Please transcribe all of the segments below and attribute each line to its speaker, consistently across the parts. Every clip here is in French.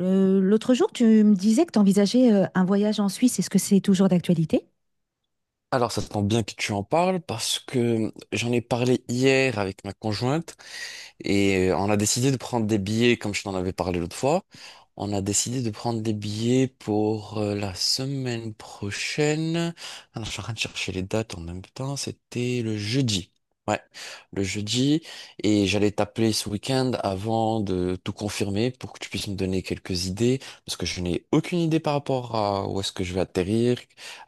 Speaker 1: L'autre jour, tu me disais que tu envisageais un voyage en Suisse. Est-ce que c'est toujours d'actualité?
Speaker 2: Alors, ça tombe bien que tu en parles parce que j'en ai parlé hier avec ma conjointe et on a décidé de prendre des billets, comme je t'en avais parlé l'autre fois. On a décidé de prendre des billets pour la semaine prochaine. Alors, je suis en train de chercher les dates en même temps. C'était le jeudi. Ouais, le jeudi. Et j'allais t'appeler ce week-end avant de tout confirmer pour que tu puisses me donner quelques idées. Parce que je n'ai aucune idée par rapport à où est-ce que je vais atterrir.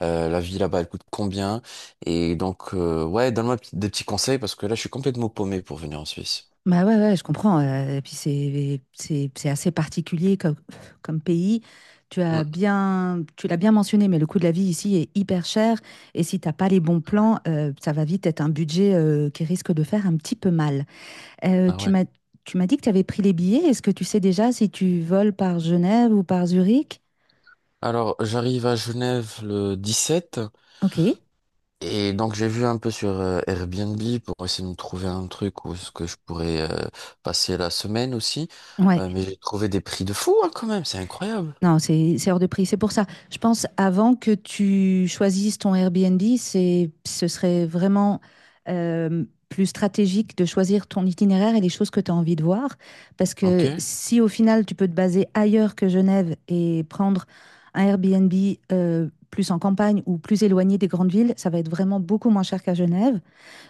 Speaker 2: La vie là-bas, elle coûte combien. Et donc, ouais, donne-moi des petits conseils parce que là, je suis complètement paumé pour venir en Suisse.
Speaker 1: Bah ouais, ouais, je comprends. Et puis c'est assez particulier comme pays. Tu as
Speaker 2: Mm.
Speaker 1: bien, tu l'as bien mentionné, mais le coût de la vie ici est hyper cher. Et si t'as pas les bons plans, ça va vite être un budget qui risque de faire un petit peu mal. Euh,
Speaker 2: Ah
Speaker 1: tu
Speaker 2: ouais.
Speaker 1: m'as Tu m'as dit que tu avais pris les billets. Est-ce que tu sais déjà si tu voles par Genève ou par Zurich?
Speaker 2: Alors, j'arrive à Genève le 17
Speaker 1: Ok.
Speaker 2: et donc j'ai vu un peu sur Airbnb pour essayer de me trouver un truc où ce que je pourrais passer la semaine aussi.
Speaker 1: Ouais.
Speaker 2: Mais j'ai trouvé des prix de fou hein, quand même, c'est incroyable.
Speaker 1: Non, c'est hors de prix. C'est pour ça. Je pense avant que tu choisisses ton Airbnb, c'est ce serait vraiment plus stratégique de choisir ton itinéraire et les choses que tu as envie de voir. Parce
Speaker 2: Ok.
Speaker 1: que
Speaker 2: Ouais.
Speaker 1: si au final tu peux te baser ailleurs que Genève et prendre un Airbnb plus en campagne ou plus éloigné des grandes villes, ça va être vraiment beaucoup moins cher qu'à Genève.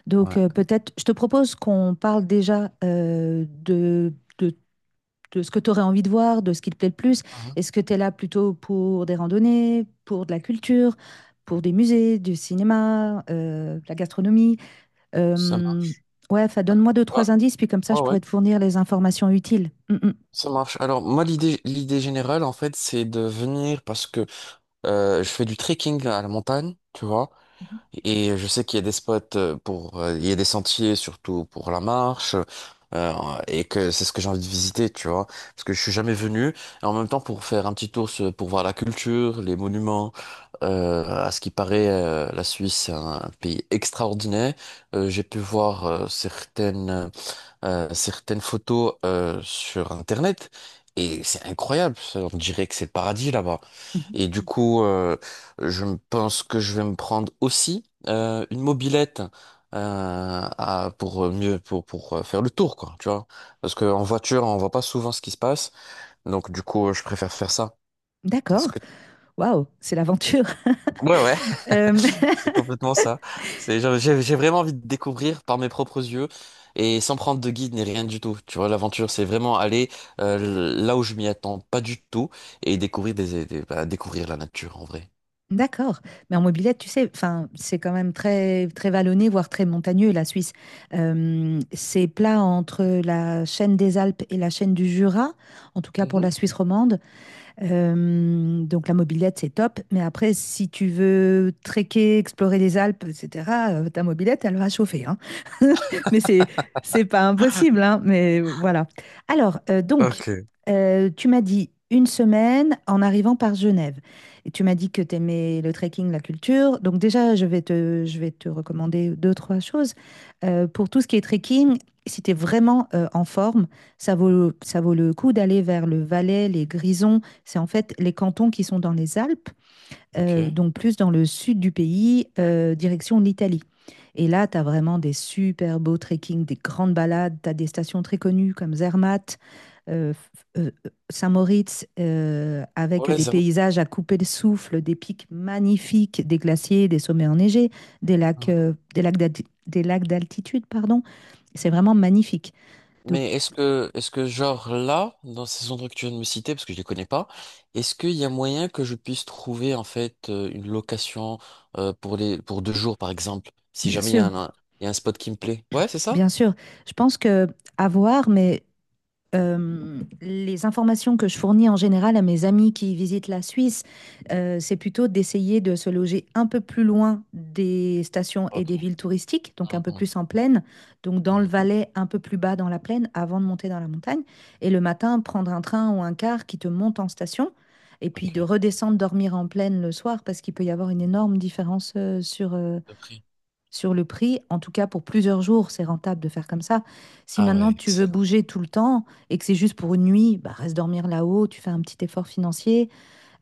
Speaker 1: Donc peut-être, je te propose qu'on parle déjà de ce que tu aurais envie de voir, de ce qui te plaît le plus.
Speaker 2: Mhm.
Speaker 1: Est-ce que tu es là plutôt pour des randonnées, pour de la culture, pour des musées, du cinéma, de la gastronomie?
Speaker 2: Ça
Speaker 1: Euh,
Speaker 2: marche.
Speaker 1: ouais, enfin, donne-moi deux,
Speaker 2: Ouais,
Speaker 1: trois indices, puis comme ça,
Speaker 2: ouais,
Speaker 1: je
Speaker 2: ouais.
Speaker 1: pourrais te fournir les informations utiles. Mm, mm.
Speaker 2: Ça marche. Alors moi l'idée générale en fait c'est de venir parce que je fais du trekking à la montagne, tu vois. Et je sais qu'il y a des spots il y a des sentiers surtout pour la marche, euh, et que c'est ce que j'ai envie de visiter, tu vois, parce que je suis jamais venu. Et en même temps, pour faire un petit tour pour voir la culture, les monuments, à ce qui paraît, la Suisse est un pays extraordinaire. J'ai pu voir certaines photos sur Internet et c'est incroyable. On dirait que c'est le paradis là-bas.
Speaker 1: Mhm.
Speaker 2: Et du coup, je me pense que je vais me prendre aussi une mobilette. Pour mieux, pour faire le tour quoi tu vois parce que en voiture on voit pas souvent ce qui se passe donc du coup je préfère faire ça. Est-ce
Speaker 1: D'accord.
Speaker 2: que
Speaker 1: Waouh, c'est l'aventure.
Speaker 2: Ouais, ouais.
Speaker 1: Euh,
Speaker 2: C'est complètement ça. C'est, genre, j'ai vraiment envie de découvrir par mes propres yeux et sans prendre de guide ni rien du tout. Tu vois, l'aventure, c'est vraiment aller là où je m'y attends pas du tout et découvrir bah, découvrir la nature en vrai.
Speaker 1: D'accord. Mais en mobilette, tu sais, enfin, c'est quand même très, très vallonné, voire très montagneux, la Suisse. C'est plat entre la chaîne des Alpes et la chaîne du Jura, en tout cas pour
Speaker 2: Mhm.
Speaker 1: la Suisse romande. Donc la mobilette, c'est top. Mais après, si tu veux trekker, explorer les Alpes, etc., ta mobilette, elle va chauffer, hein. Mais c'est pas impossible, hein, mais voilà. Alors, euh, donc,
Speaker 2: Ok.
Speaker 1: euh, tu m'as dit une semaine en arrivant par Genève. Et tu m'as dit que tu aimais le trekking, la culture. Donc déjà, je vais te recommander deux, trois choses. Pour tout ce qui est trekking, si tu es vraiment en forme, ça vaut le coup d'aller vers le Valais, les Grisons. C'est en fait les cantons qui sont dans les Alpes,
Speaker 2: Ok.
Speaker 1: donc plus dans le sud du pays, direction l'Italie. Et là, tu as vraiment des super beaux trekking, des grandes balades, tu as des stations très connues comme Zermatt, euh, f- euh, Saint-Moritz, avec
Speaker 2: Ouais,
Speaker 1: des
Speaker 2: ça...
Speaker 1: paysages à couper le souffle, des pics magnifiques, des glaciers, des sommets enneigés, des lacs, des lacs d'altitude, pardon. C'est vraiment magnifique. Donc,
Speaker 2: Mais est-ce que genre là, dans ces endroits que tu viens de me citer, parce que je les connais pas, est-ce qu'il y a moyen que je puisse trouver en fait une location pour 2 jours par exemple, si
Speaker 1: bien
Speaker 2: jamais il y a
Speaker 1: sûr,
Speaker 2: il y a un spot qui me plaît? Ouais, c'est ça?
Speaker 1: bien sûr, je pense que à voir, mais les informations que je fournis en général à mes amis qui visitent la Suisse, c'est plutôt d'essayer de se loger un peu plus loin des stations et des villes touristiques, donc un peu
Speaker 2: Mhm,
Speaker 1: plus en plaine, donc dans le
Speaker 2: mhm.
Speaker 1: Valais, un peu plus bas dans la plaine, avant de monter dans la montagne. Et le matin, prendre un train ou un car qui te monte en station, et puis
Speaker 2: Ok.
Speaker 1: de redescendre dormir en plaine le soir, parce qu'il peut y avoir une énorme différence
Speaker 2: De prix.
Speaker 1: sur le prix. En tout cas, pour plusieurs jours, c'est rentable de faire comme ça. Si
Speaker 2: Ah ouais,
Speaker 1: maintenant tu veux
Speaker 2: excellent.
Speaker 1: bouger tout le temps et que c'est juste pour une nuit, bah, reste dormir là-haut, tu fais un petit effort financier.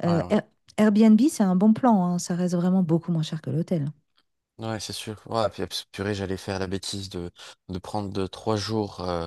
Speaker 1: Euh,
Speaker 2: Ouais, ouais.
Speaker 1: Air- Airbnb, c'est un bon plan, hein, ça reste vraiment beaucoup moins cher que l'hôtel.
Speaker 2: Ouais, c'est sûr. Ouais, puis purée, j'allais faire la bêtise de, 3 jours euh,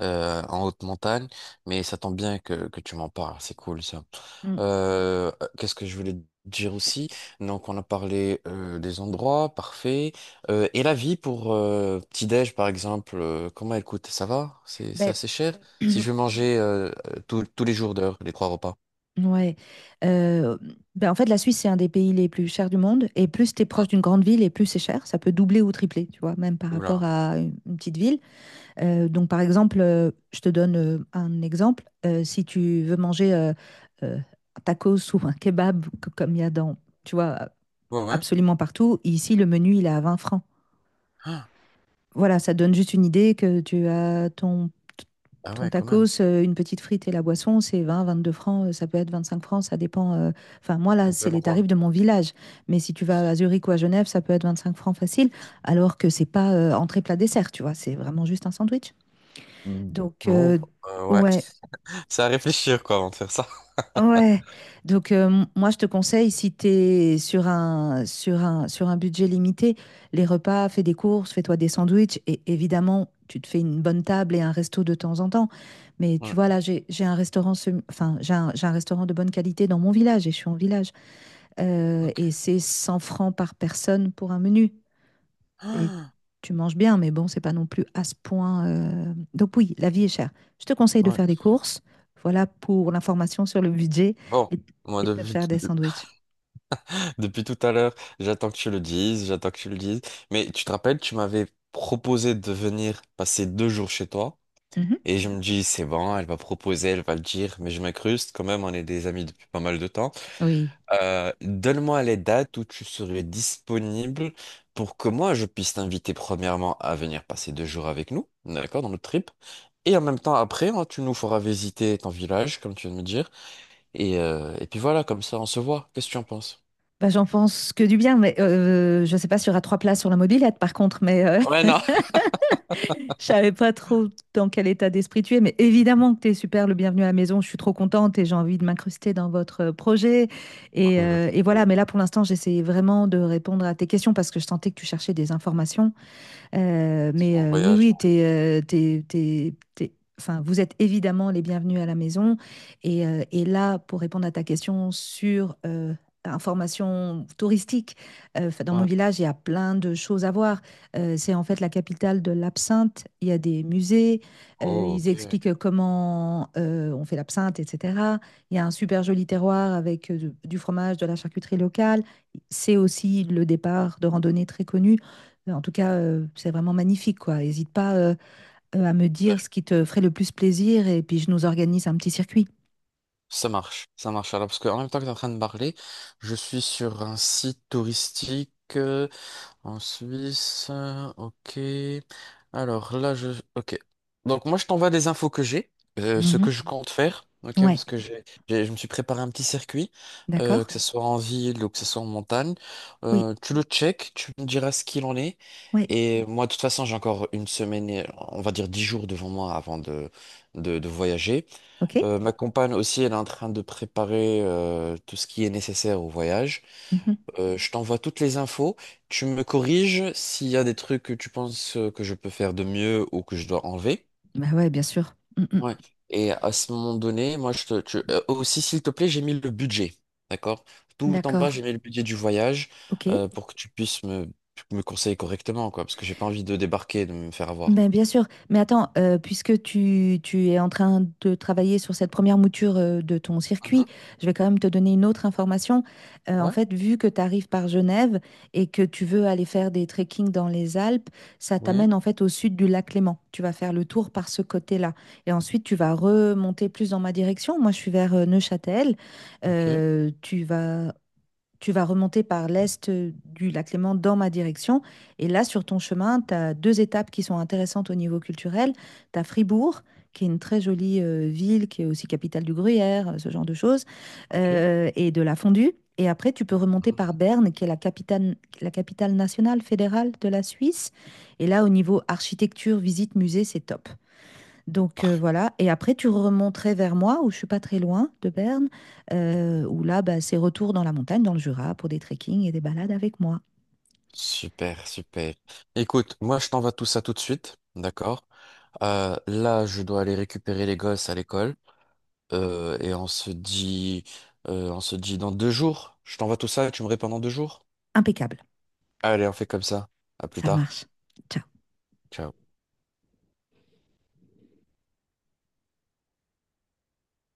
Speaker 2: euh, en haute montagne, mais ça tombe bien que tu m'en parles, c'est cool ça.
Speaker 1: Mm.
Speaker 2: Qu'est-ce que je voulais te dire aussi? Donc, on a parlé des endroits, parfait. Et la vie pour petit-déj, par exemple, comment elle coûte? Ça va? C'est
Speaker 1: Ben,
Speaker 2: assez cher? Si je veux manger tous les jours d'heure, les 3 repas.
Speaker 1: ouais. Euh, ben, en fait, la Suisse, c'est un des pays les plus chers du monde. Et plus tu es
Speaker 2: Ah,
Speaker 1: proche d'une grande ville, et plus c'est cher. Ça peut doubler ou tripler, tu vois, même par rapport
Speaker 2: oula.
Speaker 1: à une petite ville. Donc, par exemple, je te donne un exemple. Si tu veux manger un tacos ou un kebab, comme il y a tu vois,
Speaker 2: Ouais, ouais.
Speaker 1: absolument partout, ici, le menu, il est à 20 francs. Voilà, ça donne juste une idée que tu as ton,
Speaker 2: Ah
Speaker 1: ton
Speaker 2: ouais, quand même.
Speaker 1: tacos, une petite frite et la boisson, c'est 20, 22 francs, ça peut être 25 francs, ça dépend. Enfin, moi, là,
Speaker 2: De
Speaker 1: c'est les
Speaker 2: l'endroit.
Speaker 1: tarifs de mon village. Mais si tu vas à Zurich ou à Genève, ça peut être 25 francs facile, alors que c'est pas entrée plat dessert, tu vois, c'est vraiment juste un sandwich.
Speaker 2: Mm.
Speaker 1: Donc,
Speaker 2: Bon,
Speaker 1: euh,
Speaker 2: ouais.
Speaker 1: ouais,
Speaker 2: C'est à réfléchir, quoi, avant de faire ça.
Speaker 1: ouais. Donc, moi, je te conseille, si tu es sur un budget limité, les repas, fais des courses, fais-toi des sandwichs. Et évidemment, tu te fais une bonne table et un resto de temps en temps. Mais tu
Speaker 2: Ouais,
Speaker 1: vois, là, j'ai un restaurant, j'ai un restaurant de bonne qualité dans mon village et je suis en village.
Speaker 2: ok.
Speaker 1: Et c'est 100 francs par personne pour un menu. Et
Speaker 2: Ah,
Speaker 1: tu manges bien, mais bon, c'est pas non plus à ce point. Donc oui, la vie est chère. Je te conseille de
Speaker 2: ouais.
Speaker 1: faire des courses. Voilà pour l'information sur le budget
Speaker 2: Bon,
Speaker 1: et,
Speaker 2: moi,
Speaker 1: et de faire des sandwichs.
Speaker 2: depuis tout à l'heure, j'attends que tu le dises, j'attends que tu le dises. Mais tu te rappelles, tu m'avais proposé de venir passer 2 jours chez toi.
Speaker 1: Mhm.
Speaker 2: Et je me dis, c'est bon, elle va proposer, elle va le dire. Mais je m'incruste, quand même, on est des amis depuis pas mal de temps.
Speaker 1: Oui.
Speaker 2: Donne-moi les dates où tu serais disponible pour que moi je puisse t'inviter premièrement à venir passer 2 jours avec nous, d'accord, dans notre trip. Et en même temps après, hein, tu nous feras visiter ton village, comme tu viens de me dire. Et puis voilà, comme ça on se voit. Qu'est-ce que tu en penses?
Speaker 1: Bah, j'en pense que du bien, mais je sais pas sur y aura trois places sur la mobilette par contre, mais
Speaker 2: Ouais, non.
Speaker 1: je savais pas trop dans quel état d'esprit tu es. Mais évidemment que tu es super, le bienvenu à la maison. Je suis trop contente et j'ai envie de m'incruster dans votre projet. Et,
Speaker 2: Cool,
Speaker 1: euh, et
Speaker 2: cool.
Speaker 1: voilà, mais là pour l'instant, j'essayais vraiment de répondre à tes questions parce que je sentais que tu cherchais des informations. Euh, mais
Speaker 2: On
Speaker 1: euh, oui,
Speaker 2: voyage.
Speaker 1: oui, enfin, vous êtes évidemment les bienvenus à la maison. Et, et là, pour répondre à ta question sur information touristique, enfin, dans mon
Speaker 2: Ouais.
Speaker 1: village, il y a plein de choses à voir. C'est en fait la capitale de l'absinthe. Il y a des musées.
Speaker 2: Oh,
Speaker 1: Ils
Speaker 2: ok.
Speaker 1: expliquent comment on fait l'absinthe, etc. Il y a un super joli terroir avec du fromage, de la charcuterie locale. C'est aussi le départ de randonnée très connu. En tout cas, c'est vraiment magnifique, quoi. N'hésite pas à me
Speaker 2: Bien.
Speaker 1: dire ce qui te ferait le plus plaisir et puis je nous organise un petit circuit.
Speaker 2: Ça marche, ça marche. Alors, parce qu'en même temps que tu es en train de parler, je suis sur un site touristique. En Suisse, ok. Alors là, je... Ok. Donc moi, je t'envoie des infos que j'ai, ce que
Speaker 1: Mhm.
Speaker 2: je compte faire, ok,
Speaker 1: Ouais,
Speaker 2: parce que je me suis préparé un petit circuit, que
Speaker 1: d'accord?
Speaker 2: ce soit en ville ou que ce soit en montagne.
Speaker 1: Oui,
Speaker 2: Tu le check, tu me diras ce qu'il en est.
Speaker 1: ouais,
Speaker 2: Et moi, de toute façon, j'ai encore une semaine, et, on va dire 10 jours devant moi avant de voyager.
Speaker 1: ok.
Speaker 2: Ma compagne aussi, elle est en train de préparer tout ce qui est nécessaire au voyage.
Speaker 1: Mhm.
Speaker 2: Je t'envoie toutes les infos. Tu me corriges s'il y a des trucs que tu penses que je peux faire de mieux ou que je dois enlever.
Speaker 1: Bah ouais, bien sûr. Mm, mm.
Speaker 2: Ouais. Et à ce moment donné, moi, aussi, s'il te plaît, j'ai mis le budget. D'accord? Tout en bas,
Speaker 1: D'accord,
Speaker 2: j'ai mis le budget du voyage
Speaker 1: ok.
Speaker 2: pour que tu puisses me conseiller correctement, quoi. Parce que j'ai pas envie de débarquer et de me faire avoir,
Speaker 1: Ben,
Speaker 2: quoi.
Speaker 1: bien sûr, mais attends, puisque tu es en train de travailler sur cette première mouture de ton
Speaker 2: Mhm.
Speaker 1: circuit, je vais quand même te donner une autre information. En
Speaker 2: Ouais,
Speaker 1: fait, vu que tu arrives par Genève et que tu veux aller faire des trekking dans les Alpes, ça
Speaker 2: oui.
Speaker 1: t'amène en fait au sud du lac Léman. Tu vas faire le tour par ce côté-là. Et ensuite, tu vas remonter plus dans ma direction. Moi, je suis vers Neuchâtel.
Speaker 2: Ok,
Speaker 1: Euh, tu vas Tu vas remonter par l'est du lac Léman dans ma direction. Et là, sur ton chemin, tu as deux étapes qui sont intéressantes au niveau culturel. Tu as Fribourg, qui est une très jolie ville, qui est aussi capitale du Gruyère, ce genre de choses,
Speaker 2: ok.
Speaker 1: et de la fondue. Et après, tu peux remonter
Speaker 2: Mhm.
Speaker 1: par Berne, qui est la capitale nationale fédérale de la Suisse. Et là, au niveau architecture, visite, musée, c'est top. Donc voilà, et après tu remonterais vers moi, où je suis pas très loin de Berne, où là bah, c'est retour dans la montagne, dans le Jura, pour des trekking et des balades avec moi.
Speaker 2: Super, super. Écoute, moi je t'envoie tout ça tout de suite, d'accord? Là, je dois aller récupérer les gosses à l'école et on se dit dans deux jours. Je t'envoie tout ça et tu me réponds dans 2 jours.
Speaker 1: Impeccable,
Speaker 2: Allez, on fait comme ça. À plus
Speaker 1: ça
Speaker 2: tard.
Speaker 1: marche. Ciao.
Speaker 2: Ciao.